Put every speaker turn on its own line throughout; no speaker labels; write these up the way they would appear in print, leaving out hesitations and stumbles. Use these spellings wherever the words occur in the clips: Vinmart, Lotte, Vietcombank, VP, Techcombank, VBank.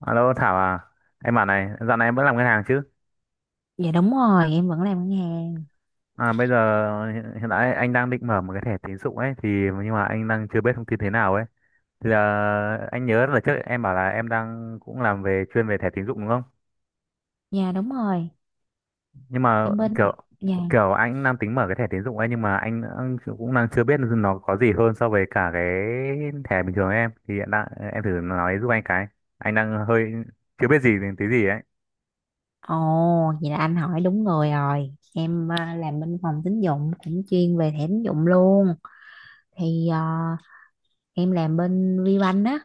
Alo Thảo à, em bảo này, dạo này em vẫn làm ngân hàng chứ?
Dạ đúng rồi, em vẫn làm ngân hàng.
À, bây giờ hiện hiện tại anh đang định mở một cái thẻ tín dụng ấy, thì nhưng mà anh đang chưa biết thông tin thế nào ấy. Thì là anh nhớ là trước em bảo là em đang cũng làm về chuyên về thẻ tín dụng đúng không?
Dạ đúng rồi,
Nhưng mà
em bên
kiểu
mảng- dạ.
kiểu anh đang tính mở cái thẻ tín dụng ấy nhưng mà anh cũng đang chưa biết nó có gì hơn so với cả cái thẻ bình thường em. Thì hiện tại em thử nói giúp anh cái. Anh đang hơi chưa biết gì đến tí gì ấy.
Ồ, vậy là anh hỏi đúng người rồi. Em làm bên phòng tín dụng cũng chuyên về thẻ tín dụng luôn. Thì à, em làm bên VBank á,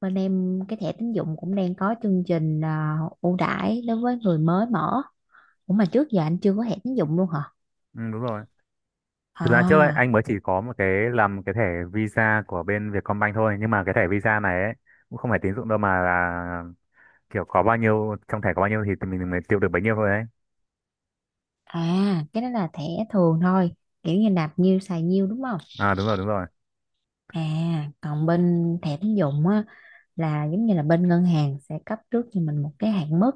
bên em cái thẻ tín dụng cũng đang có chương trình ưu đãi đối với người mới mở. Ủa mà trước giờ anh chưa có thẻ tín dụng luôn hả?
Ừ, đúng rồi. Thực ra trước ấy,
À,
anh mới chỉ có một cái làm cái thẻ visa của bên Vietcombank thôi, nhưng mà cái thẻ visa này ấy, cũng không phải tín dụng đâu mà là kiểu có bao nhiêu trong thẻ có bao nhiêu thì mình mới tiêu được bấy nhiêu thôi đấy.
cái đó là thẻ thường thôi. Kiểu như nạp nhiêu xài nhiêu đúng không?
À đúng rồi.
À, còn bên thẻ tín dụng á là giống như là bên ngân hàng sẽ cấp trước cho mình một cái hạn mức.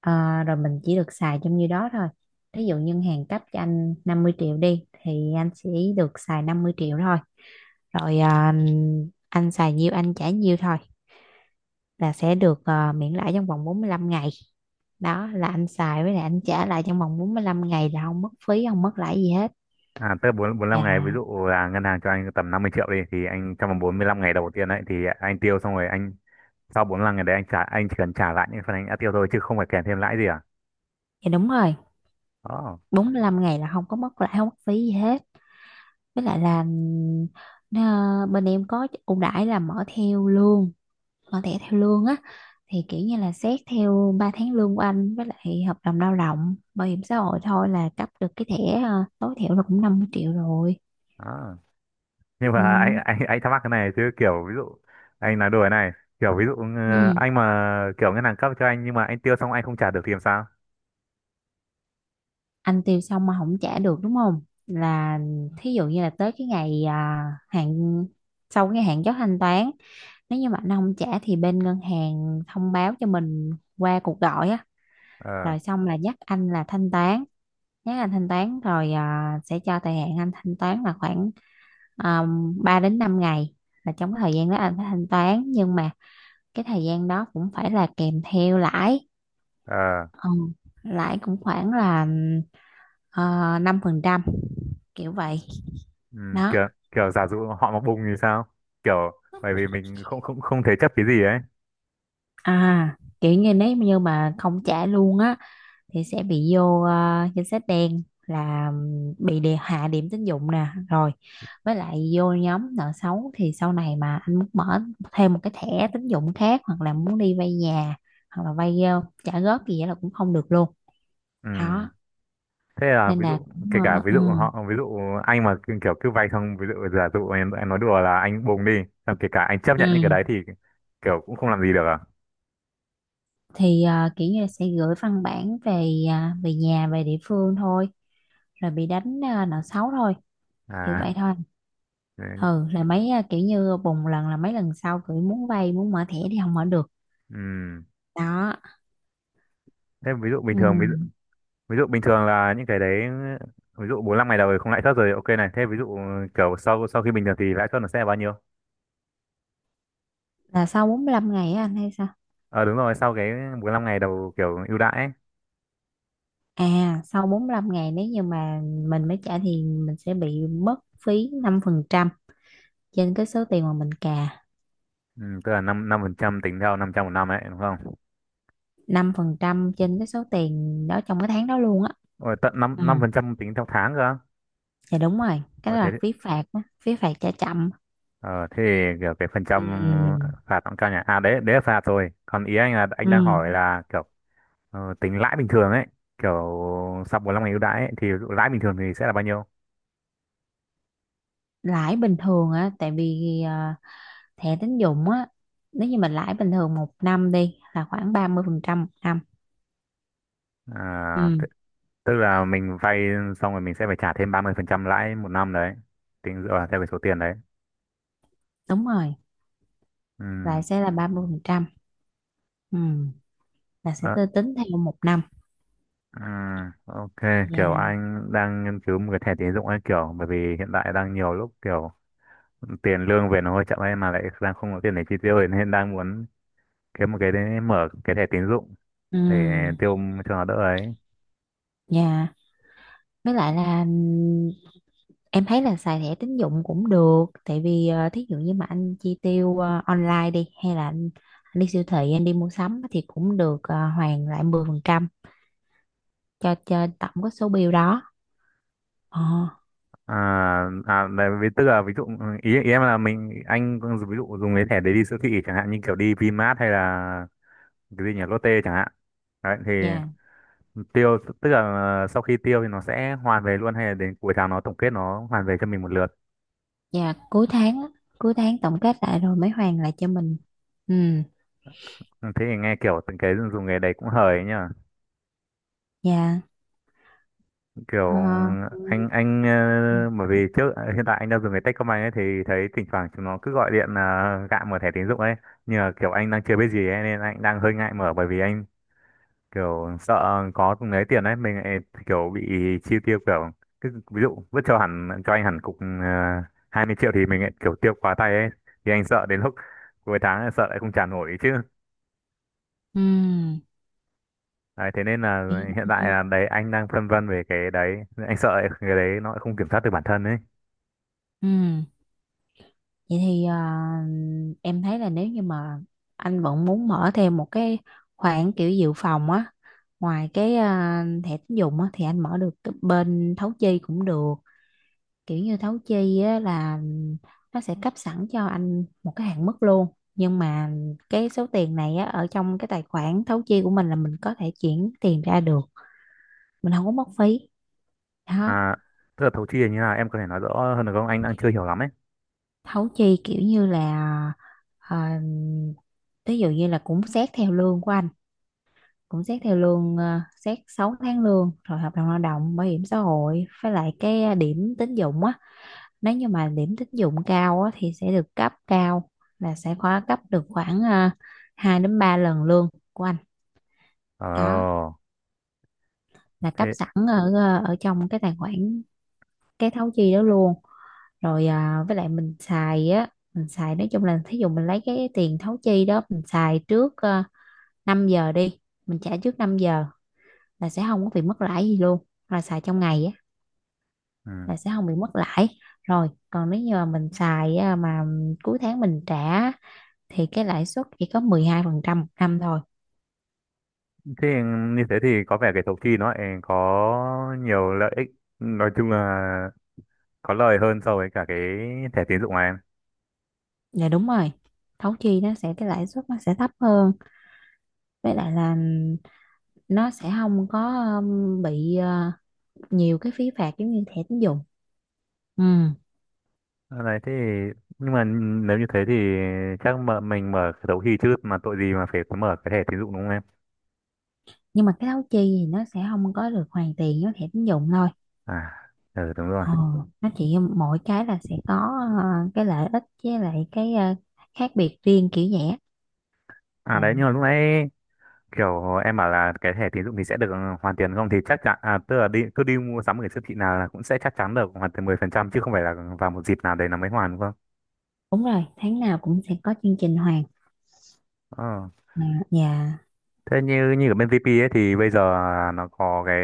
Ờ, rồi mình chỉ được xài trong như đó thôi. Ví dụ ngân hàng cấp cho anh 50 triệu đi thì anh sẽ được xài 50 triệu thôi, rồi anh xài nhiêu anh trả nhiêu thôi là sẽ được miễn lãi trong vòng 45 ngày. Đó là anh xài với lại anh trả lại trong vòng 45 ngày là không mất phí không mất lãi gì hết.
À tới bốn bốn năm ngày, ví
À,
dụ là ngân hàng cho anh tầm 50 triệu đi thì anh trong vòng 45 ngày đầu tiên đấy thì anh tiêu xong rồi anh, sau 45 ngày đấy anh trả, anh chỉ cần trả lại những phần anh đã tiêu thôi chứ không phải kèm thêm lãi gì à.
dạ đúng rồi,
Đó
45 ngày là không có mất lãi không mất phí gì hết. Với lại là bên em có ưu đãi là mở theo lương, mở thẻ theo lương á, thì kiểu như là xét theo 3 tháng lương của anh với lại hợp đồng lao động bảo hiểm xã hội thôi là cấp được cái thẻ tối thiểu là cũng 50 triệu rồi.
đó. Nhưng mà anh
Ừ.
anh anh thắc mắc cái này chứ, kiểu ví dụ anh nói đùa này, kiểu ví dụ
Ừ.
anh mà kiểu ngân hàng cấp cho anh nhưng mà anh tiêu xong anh không trả được thì làm sao.
Anh tiêu xong mà không trả được đúng không, là thí dụ như là tới cái ngày hạn, sau cái hạn chót thanh toán nếu như mà anh không trả thì bên ngân hàng thông báo cho mình qua cuộc gọi á,
ờ
rồi xong là nhắc anh là thanh toán, nhắc anh thanh toán rồi sẽ cho thời hạn anh thanh toán là khoảng 3 đến 5 ngày, là trong cái thời gian đó anh phải thanh toán nhưng mà cái thời gian đó cũng phải là kèm theo lãi.
ờ
Ừ. Lãi cũng khoảng là 5 phần trăm kiểu vậy.
ừ,
Đó.
kiểu kiểu giả dụ họ mà bùng thì sao, kiểu bởi vì mình không không không thế chấp cái gì ấy.
À, kiểu như nếu như mà không trả luôn á thì sẽ bị vô danh sách đen, là bị đề hạ điểm tín dụng nè, rồi với lại vô nhóm nợ xấu thì sau này mà anh muốn mở thêm một cái thẻ tín dụng khác hoặc là muốn đi vay nhà hoặc là vay trả góp gì vậy là cũng không được luôn.
Ừ.
Đó,
Thế là
nên
ví
là
dụ,
cũng
kể cả ví dụ họ ví dụ anh mà cứ- kiểu cứ vay xong ví dụ giả dụ em nói đùa là anh bùng đi xong kể cả anh chấp nhận những cái
ừ.
đấy thì kiểu cũng không làm gì được à.
Thì kiểu như là sẽ gửi văn bản về về nhà, về địa phương thôi, rồi bị đánh nợ xấu thôi, kiểu
À
vậy thôi.
đấy.
Ừ, là mấy kiểu như bùng lần là mấy lần sau cứ muốn vay muốn mở thẻ thì không mở được.
Ừ.
Đó.
Thế ví dụ bình
Ừ.
thường, ví dụ bình thường là những cái đấy, ví dụ 45 ngày đầu thì không lãi suất rồi, ok này, thế ví dụ kiểu sau sau khi bình thường thì lãi suất nó sẽ là bao nhiêu.
Là sau 45 ngày á anh hay sao?
Ờ đúng rồi, sau cái 45 ngày đầu kiểu ưu đãi ấy.
À, sau 45 ngày nếu như mà mình mới trả thì mình sẽ bị mất phí 5% trên cái số tiền mà mình cà.
Ừ, tức là năm năm phần trăm tính theo 500 một năm ấy đúng không?
Năm phần trăm trên cái số tiền đó trong cái tháng đó luôn á.
Ôi, tận năm
Ừ.
năm phần trăm tính theo tháng cơ.
Dạ đúng rồi, cái
Ôi,
đó
thế
là phí phạt á, phí phạt trả chậm.
ờ, thế thì kiểu cái phần
Ừ.
trăm
Ừ.
phạt nó cũng cao nhỉ. À đấy, đấy là phạt rồi, còn ý anh là anh
Ừ.
đang hỏi là kiểu tính lãi bình thường ấy, kiểu sau 45 ngày ưu đãi ấy, thì ví dụ lãi bình thường thì sẽ là bao nhiêu.
Lãi bình thường á, tại vì thẻ tín dụng á, nếu như mình lãi bình thường một năm đi là khoảng 30% một năm.
À,
Ừ,
tức là mình vay xong rồi mình sẽ phải trả thêm 30% lãi một năm đấy, tính dựa vào theo cái số tiền đấy.
đúng rồi. Lãi
Ừ.
sẽ là 30%. Ừ, là sẽ
ờ,
tôi tính theo một năm.
ừ. Ok. Kiểu
Dạ.
anh đang nghiên cứu một cái thẻ tín dụng ấy, kiểu bởi vì hiện tại đang nhiều lúc kiểu tiền lương về nó hơi chậm ấy mà lại đang không có tiền để chi tiêu ấy, nên đang muốn kiếm một cái đấy, mở cái thẻ tín dụng để
Ừ.
tiêu cho nó đỡ ấy.
Dạ. Với lại là em thấy là xài thẻ tín dụng cũng được, tại vì thí dụ như mà anh chi tiêu online đi hay là anh đi siêu thị anh đi mua sắm á, thì cũng được hoàn lại 10% cho tổng cái số bill đó. Ờ.
À, à đấy, ví- tức là ví dụ ý ý em là mình anh ví dụ dùng cái thẻ đấy đi siêu thị chẳng hạn như kiểu đi Vinmart hay là cái gì nhỉ, Lotte chẳng hạn đấy thì
Dạ.
tiêu tức là sau khi tiêu thì nó sẽ hoàn về luôn hay là đến cuối tháng nó tổng kết nó hoàn về cho mình một lượt.
Dạ cuối tháng á, cuối tháng tổng kết lại rồi mới hoàn lại cho mình. Ừ,
Ừ, thế thì nghe kiểu từng cái dùng nghề đấy cũng hời ấy nhở.
dạ. Ờ,
Kiểu
ừ,
anh bởi vì trước hiện tại anh đang dùng cái Techcombank ấy thì thấy thỉnh thoảng chúng nó cứ gọi điện là gạ mở thẻ tín dụng ấy, nhưng mà kiểu anh đang chưa biết gì ấy, nên anh đang hơi ngại mở bởi vì anh kiểu sợ có lấy tiền ấy mình lại kiểu bị chi tiêu, kiểu cứ ví dụ vứt cho hẳn cho anh hẳn cục 20 triệu thì mình lại kiểu tiêu quá tay ấy, thì anh sợ đến lúc cuối tháng lại sợ lại không trả nổi chứ.
ừ,
Đấy, thế nên là
vậy
hiện
ừ,
tại là đấy anh đang phân vân về cái đấy, anh sợ lại cái đấy nó lại không kiểm soát được bản thân ấy.
ừ. Vậy thì em thấy là nếu như mà anh vẫn muốn mở thêm một cái khoản kiểu dự phòng á, ngoài cái thẻ tín dụng á thì anh mở được cái bên thấu chi cũng được. Kiểu như thấu chi á, là nó sẽ cấp sẵn cho anh một cái hạn mức luôn, nhưng mà cái số tiền này á, ở trong cái tài khoản thấu chi của mình là mình có thể chuyển tiền ra được, mình không có mất phí. Đó.
À tức là thấu chi là như nào em có thể nói rõ hơn được không, anh đang chưa hiểu lắm ấy.
Thấu chi kiểu như là ờ, ví dụ như là cũng xét theo lương của anh, cũng xét theo lương xét 6 tháng lương rồi hợp đồng lao động bảo hiểm xã hội với lại cái điểm tín dụng á, nếu như mà điểm tín dụng cao á, thì sẽ được cấp cao, là sẽ khóa cấp được khoảng 2 đến 3 lần lương của anh.
ờ
Đó, là cấp
thế.
sẵn ở ở trong cái tài khoản cái thấu chi đó luôn. Rồi với lại mình xài á, mình xài nói chung là thí dụ mình lấy cái tiền thấu chi đó mình xài trước 5 giờ đi, mình trả trước 5 giờ là sẽ không có bị mất lãi gì luôn, là xài trong ngày á
Ừ.
là sẽ không bị mất lãi. Rồi còn nếu như mà mình xài mà cuối tháng mình trả thì cái lãi suất chỉ có 12% một năm thôi.
Thế như thế thì có vẻ cái thấu chi nó lại có nhiều lợi ích, nói chung là có lời hơn so với cả cái thẻ tín dụng này em.
Là đúng rồi, thấu chi nó sẽ cái lãi suất nó sẽ thấp hơn, với lại là nó sẽ không có bị nhiều cái phí phạt giống như thẻ tín dụng. Ừ.
Ờ, đấy thế thì- nhưng mà nếu như thế thì chắc mở mình mở cái đấu khi chứ mà tội gì mà phải mở cái thẻ tín dụng đúng không em.
Nhưng mà cái thấu chi thì nó sẽ không có được hoàn tiền với thẻ tín dụng thôi.
À. Ừ, đúng rồi.
Ừ. Nó chỉ mỗi cái là sẽ có ờ, cái lợi ích với lại cái khác biệt riêng kiểu vậy á.
À
À,
đấy, nhưng mà lúc nãy kiểu em bảo là cái thẻ tín dụng thì sẽ được hoàn tiền không thì chắc chắn, à tức là đi cứ đi mua sắm ở siêu thị nào là cũng sẽ chắc chắn được hoàn tiền 10% chứ không phải là vào một dịp nào đấy là mới hoàn đúng không?
đúng rồi, tháng nào cũng sẽ có chương trình hoàn.
Ờ.
À, dạ.
Thế như như ở bên VP ấy thì bây giờ nó có cái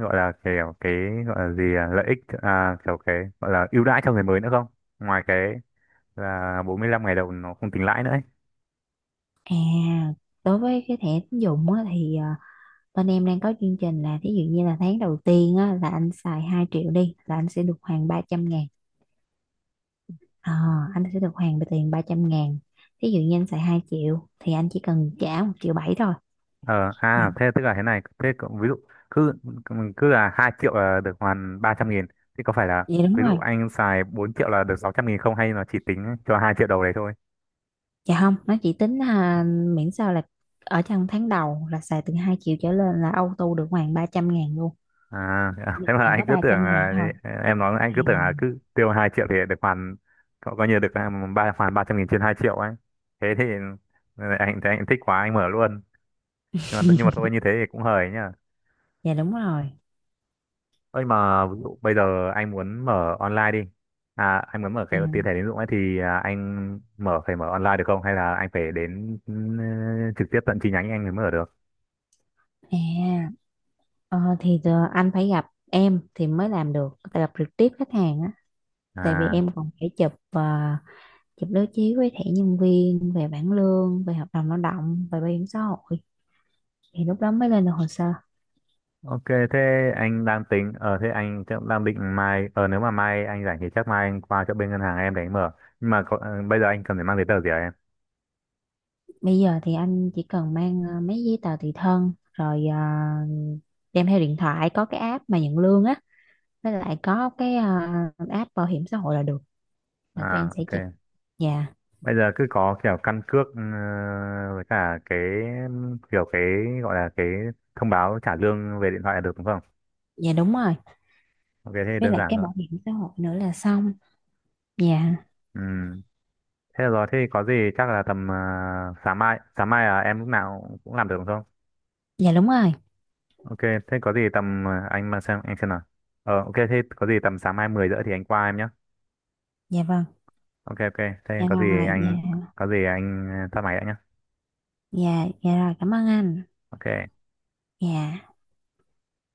gọi là kiểu cái gọi là gì à, lợi ích à, kiểu cái gọi là ưu đãi cho người mới nữa không? Ngoài cái là 45 ngày đầu nó không tính lãi nữa ấy.
À, đối với cái thẻ tín dụng á, thì bên em đang có chương trình là thí dụ như là tháng đầu tiên á, là anh xài 2 triệu đi là anh sẽ được hoàn 300 ngàn. Ờ, anh sẽ được hoàn tiền 300 ngàn. Thí dụ như anh xài 2 triệu thì anh chỉ cần trả một triệu bảy thôi.
Ờ
Đó.
à thế tức là thế này, thế cậu- ví dụ cứ cứ là 2 triệu là được hoàn 300 nghìn thì có phải là
Vậy đúng
ví dụ
rồi.
anh xài 4 triệu là được 600 nghìn không hay nó chỉ tính cho 2 triệu đầu đấy thôi?
Dạ không, nó chỉ tính miễn sao là ở trong tháng đầu là xài từ 2 triệu trở lên là auto được hoàn 300 ngàn luôn.
À, à,
Được
thế mà
hoàn
anh
có
cứ
ba
tưởng
trăm ngàn
là-
thôi.
em nói anh
Ừ,
cứ tưởng là cứ tiêu 2 triệu thì được hoàn. Cậu coi như được hoàn 300 nghìn trên 2 triệu ấy. Thế thì anh thấy anh thích quá anh mở luôn. Nhưng mà thôi như thế thì cũng hời nhá.
dạ đúng rồi.
Ơi mà ví dụ bây giờ anh muốn mở online đi. À anh muốn mở cái tiền thẻ
À,
tín dụng ấy thì anh mở phải mở online được không hay là anh phải đến trực tiếp tận chi nhánh anh mới mở được?
à. Ờ, thì giờ anh phải gặp em thì mới làm được, tại gặp trực tiếp khách hàng á, tại vì
À.
em còn phải chụp chụp đối chiếu với thẻ nhân viên, về bảng lương, về hợp đồng lao động, về bảo hiểm xã hội thì lúc đó mới lên được hồ sơ.
Ok, thế anh đang tính, ở thế anh chắc đang định mai, nếu mà mai anh rảnh thì chắc mai anh qua chỗ bên ngân hàng em để anh mở. Nhưng mà có, bây giờ anh cần phải mang giấy tờ gì hả em?
Bây giờ thì anh chỉ cần mang mấy giấy tờ tùy thân, rồi đem theo điện thoại có cái app mà nhận lương á, với lại có cái app bảo hiểm xã hội là được, là tụi em
À,
sẽ
ok.
chụp. Dạ.
Bây giờ cứ có kiểu căn cước với cả cái kiểu cái gọi là cái thông báo trả lương về điện thoại là được đúng không?
Dạ đúng rồi.
Ok, thế thì
Với
đơn
lại
giản
cái
thôi.
bảo hiểm xã hội nữa là xong. Dạ.
Ừ. Thế là rồi, thế thì có gì chắc là tầm sáng mai là em lúc nào cũng làm được đúng không?
Dạ đúng rồi.
Ok, thế có gì tầm anh mà xem anh xem nào. Ờ ok thế có gì tầm sáng mai 10:30 thì anh qua em nhé.
Dạ vâng.
Ok ok. Thế
Dạ
có gì
rồi.
anh
Dạ.
tắt máy đã nhá.
Dạ dạ rồi, cảm ơn anh.
Ok.
Dạ.